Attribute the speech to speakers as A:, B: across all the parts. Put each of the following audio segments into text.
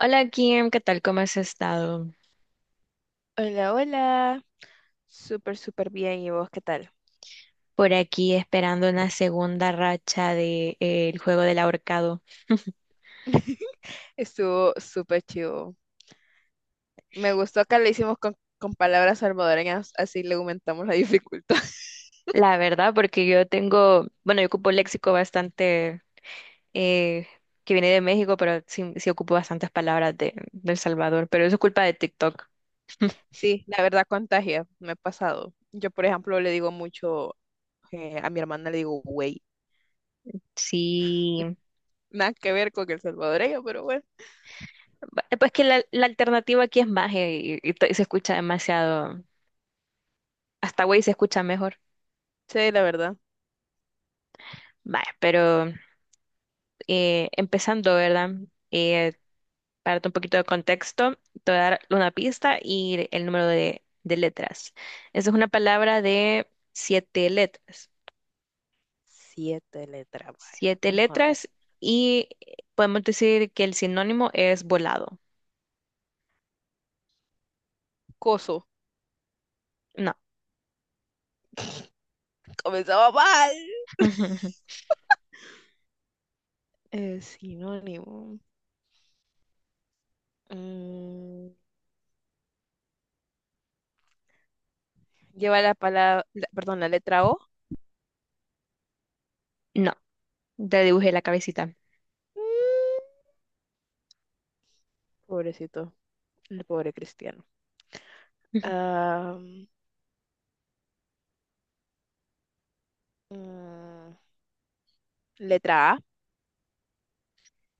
A: Hola, Kim, ¿qué tal? ¿Cómo has estado?
B: Hola, hola. Súper, súper bien. ¿Y vos qué tal?
A: Por aquí esperando una segunda racha de, el juego del ahorcado.
B: Estuvo súper chivo. Me gustó que le hicimos con palabras salvadoreñas, así le aumentamos la dificultad.
A: La verdad, porque yo tengo, bueno, yo ocupo léxico bastante eh, que viene de México, pero sí, sí ocupo bastantes palabras de, El Salvador, pero eso es culpa de TikTok.
B: Sí, la verdad contagia. Me ha pasado. Yo, por ejemplo, le digo mucho a mi hermana, le digo, güey.
A: Sí,
B: Nada que ver con el salvadoreño, pero bueno.
A: pues que la alternativa aquí es magia y se escucha demasiado, hasta güey se escucha mejor.
B: Sí, la verdad.
A: Vaya, pero empezando, ¿verdad? Eh, Para darte un poquito de contexto, te voy a dar una pista y el número de, letras. Esa es una palabra de siete letras.
B: 7 letras, vaya.
A: Siete
B: Vamos a ver.
A: letras, y podemos decir que el sinónimo es volado.
B: Coso.
A: No,
B: Comenzaba mal. Sinónimo. Mm, Lleva la palabra, perdón, la letra O.
A: no, le dibujé la cabecita.
B: Pobrecito, el pobre cristiano. Ah, mm, letra A.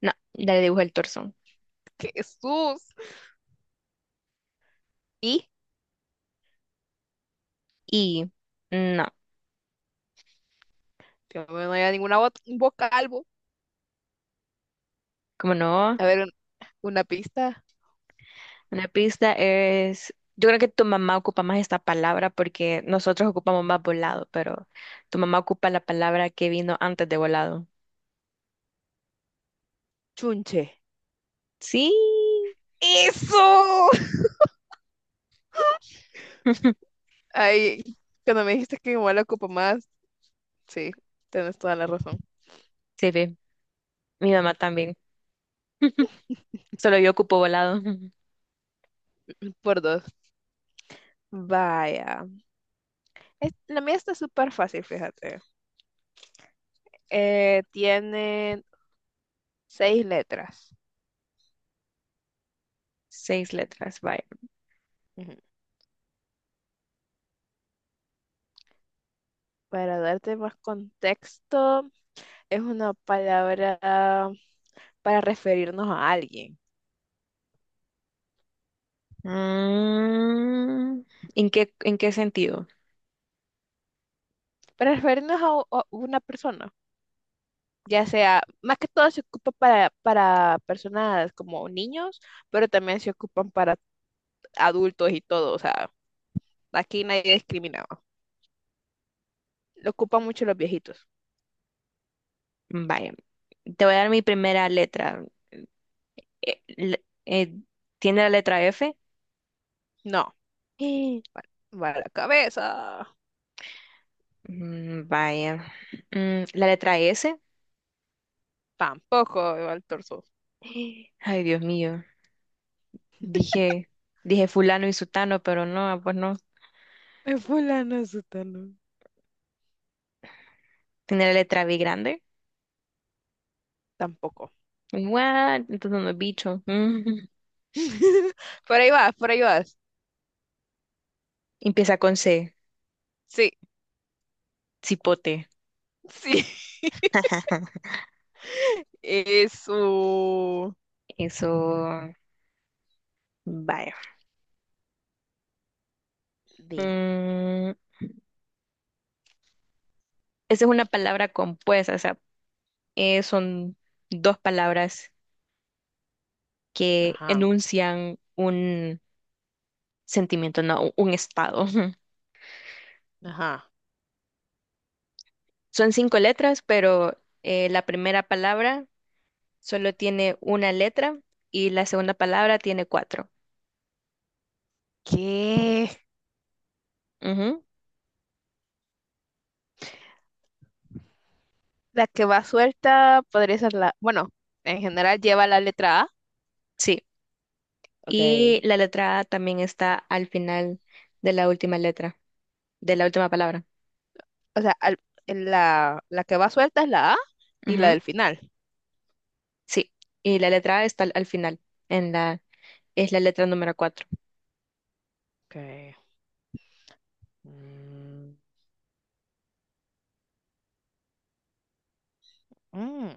A: No, le dibujé el torso.
B: Jesús. Y,
A: Y no,
B: Dios mío, no hay ninguna vocal. Bo.
A: como no,
B: A ver, una pista.
A: una pista es, yo creo que tu mamá ocupa más esta palabra porque nosotros ocupamos más volado, pero tu mamá ocupa la palabra que vino antes de volado.
B: Chunche.
A: Sí,
B: ¡Eso! Ay, cuando me dijiste que mi abuela ocupa más, sí, tienes toda la razón.
A: se ve. Mi mamá también. Solo yo ocupo volado.
B: Por dos. Vaya. Es- la mía está súper fácil, fíjate. Tiene 6 letras.
A: Seis letras, vaya.
B: Ujú. Para darte más contexto. Es una palabra para referirnos a alguien,
A: Mm, en qué sentido?
B: para referirnos a, u- a una persona, ya sea, más que todo se ocupa para personas como niños, pero también se ocupan para adultos y todo, o sea, aquí nadie discriminaba. Lo ocupan mucho los viejitos.
A: Vaya. Te voy a dar mi primera letra. Eh, le- eh, ¿Tiene la letra F?
B: No, para, para la cabeza,
A: Mm, vaya. Mm, ¿la letra S?
B: tampoco, va el torso.
A: Ay, Dios mío. Dije, dije fulano y sutano, pero no, pues no.
B: Es fulano, sutano.
A: ¿Tiene la letra B grande?
B: Tampoco.
A: What? Entonces no es bicho. Mm.
B: Por ahí vas, por ahí vas.
A: Empieza con C.
B: Sí,
A: Cipote.
B: sí.
A: Ajá.
B: Eso.
A: Eso, vaya.
B: Demon.
A: Mm, esa es una palabra compuesta, o sea, son dos palabras que
B: Ajá,
A: enuncian un sentimiento, no, un estado.
B: ajá.
A: Son cinco letras, pero la primera palabra solo tiene una letra y la segunda palabra tiene cuatro.
B: ¿Qué?
A: Ujú,
B: La que va suelta podría ser la... Bueno, en general lleva la letra A.
A: sí.
B: Ok.
A: Y la letra A también está al final de la última letra, de la última palabra.
B: O sea, al- en la, la que va suelta es la A y la
A: Ujú.
B: del final.
A: Sí, y la letra A está al, al final, en la, es la letra número cuatro.
B: Ok. Mm, mm.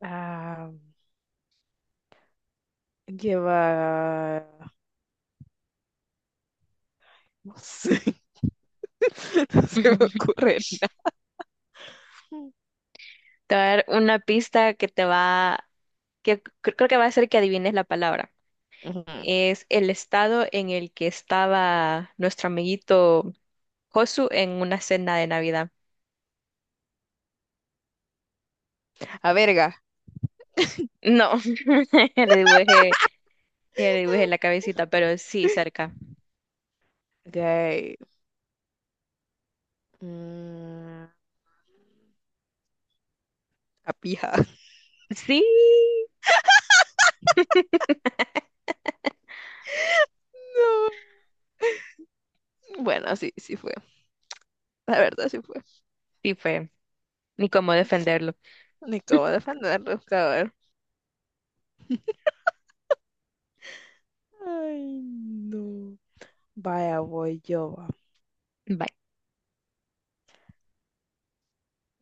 B: Ah, lleva... No sé, no se me ocurre nada.
A: Te voy a dar una pista que te va, que creo que va a hacer que adivines la palabra.
B: Ujú.
A: Es el estado en el que estaba nuestro amiguito Josu en una cena de Navidad.
B: A verga.
A: No, ya le dibujé, ya le dibujé la cabecita, pero sí,
B: Ujú,
A: cerca.
B: ok. Mm, a pija.
A: Sí,
B: No. Bueno, sí, sí fue. La verdad sí fue.
A: sí fue, ni cómo defenderlo.
B: Ni cómo defenderlo, cabrón. Ay, no. Vaya, voy yo. Va.
A: Bye.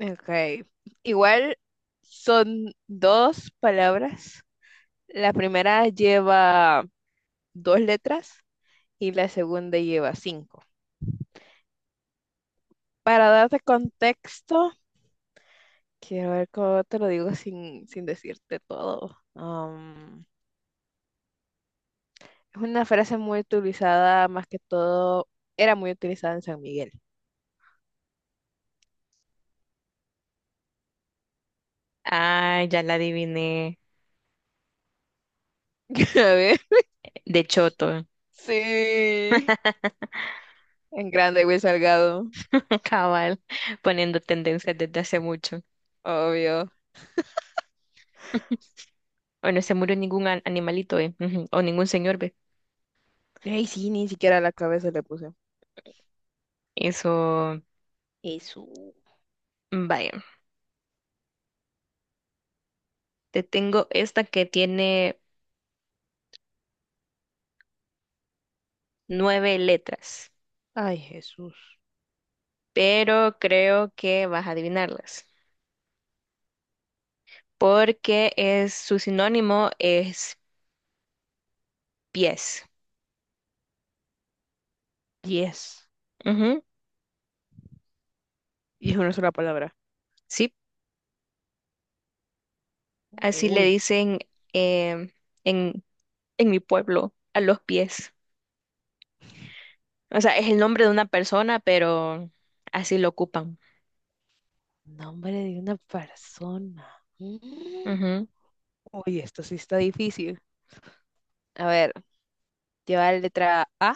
B: Ok. Igual son 2 palabras. La primera lleva 2 letras y la segunda lleva 5. Para darte contexto, quiero ver cómo te lo digo sin decirte todo. Es una frase muy utilizada, más que todo, era muy utilizada en San Miguel.
A: Ah, ya la adiviné,
B: A ver.
A: de choto.
B: Sí. En grande, Will Salgado.
A: Cabal, poniendo tendencias desde hace mucho.
B: Obvio.
A: Bueno, se murió ningún animalito, ¿eh? Ujú. O ningún señor, ¿ve?
B: Ay, sí, ni siquiera la cabeza le puse.
A: Eso,
B: Jesús.
A: vaya. Te tengo esta que tiene nueve letras,
B: Ay, Jesús.
A: pero creo que vas a adivinarlas, porque es su sinónimo es pies.
B: 10.
A: Ujú.
B: Y es una sola palabra.
A: Sí, así le
B: Uy,
A: dicen em, en, en mi pueblo a los pies. O sea, es el nombre de una persona, pero así lo ocupan.
B: nombre de una persona. Mm. Uy, esto sí está difícil. A ver, lleva la letra A.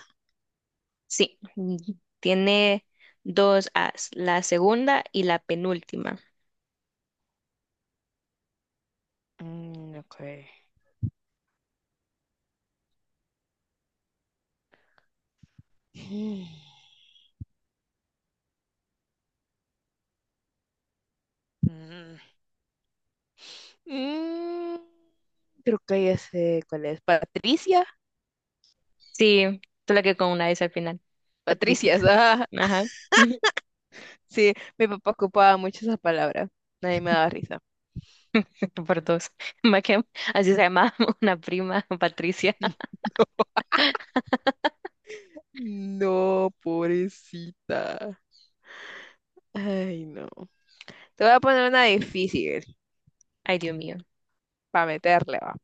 A: Sí, y tiene dos As, la segunda y la penúltima.
B: Mm, ok. Mm. Mm, Mm, creo que ya sé cuál es. Patricia.
A: Sí, tú la que con una S al final, Patricia.
B: Patricias. Ah,
A: Ajá.
B: sí, mi papá ocupaba mucho esa palabra. Nadie me daba risa.
A: Por dos. Más que... Así se llama una prima, Patricia.
B: No, pobrecita. Ay, no. Te voy a poner una difícil
A: Ay, Dios mío,
B: para meterle, va.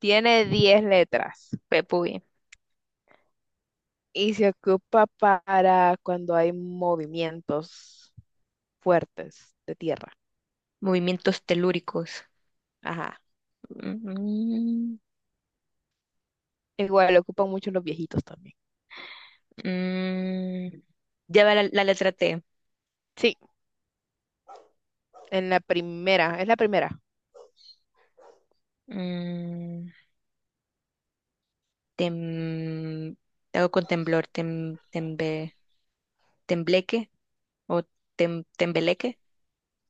B: Tiene 10 letras
A: Pepuy.
B: y se ocupa para cuando hay movimientos fuertes de tierra.
A: Movimientos telúricos.
B: Ajá.
A: Mm,
B: Igual lo ocupan mucho los viejitos también.
A: mm. Lleva la, la letra T.
B: Sí, en la primera, es la primera.
A: Mm, tem- te hago con temblor, tem, tembe- tembleque o tem- tembeleque.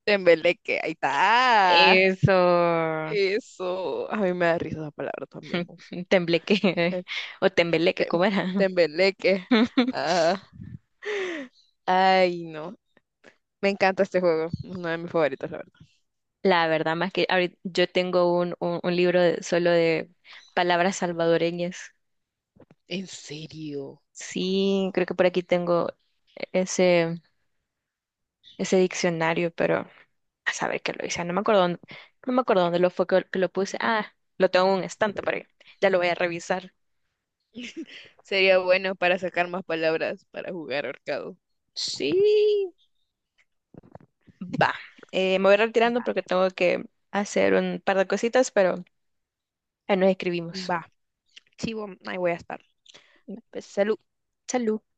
B: Tembeleque, ahí está.
A: Eso,
B: Eso, a mí me da risa esa palabra también.
A: tembleque
B: Mujer.
A: o tembeleque,
B: Tem-
A: ¿cómo era?
B: Tembeleque. Ah, ay, no. Me encanta este juego. Es uno de mis favoritos, la verdad.
A: La verdad, más que ahorita yo tengo un libro solo de palabras salvadoreñas.
B: ¿En serio?
A: Sí, creo que por aquí tengo ese, ese diccionario, pero a saber qué lo hice. No me acuerdo dónde lo fue que lo puse. Ah, lo tengo en un estante por ahí. Ya lo voy a revisar.
B: Sería bueno para sacar más palabras para jugar ahorcado.
A: Sí, va. Me voy retirando
B: Va,
A: porque tengo que hacer un par de cositas, pero ahí nos escribimos.
B: va. Chivo, ahí voy a estar. Pues, salud.
A: Salud.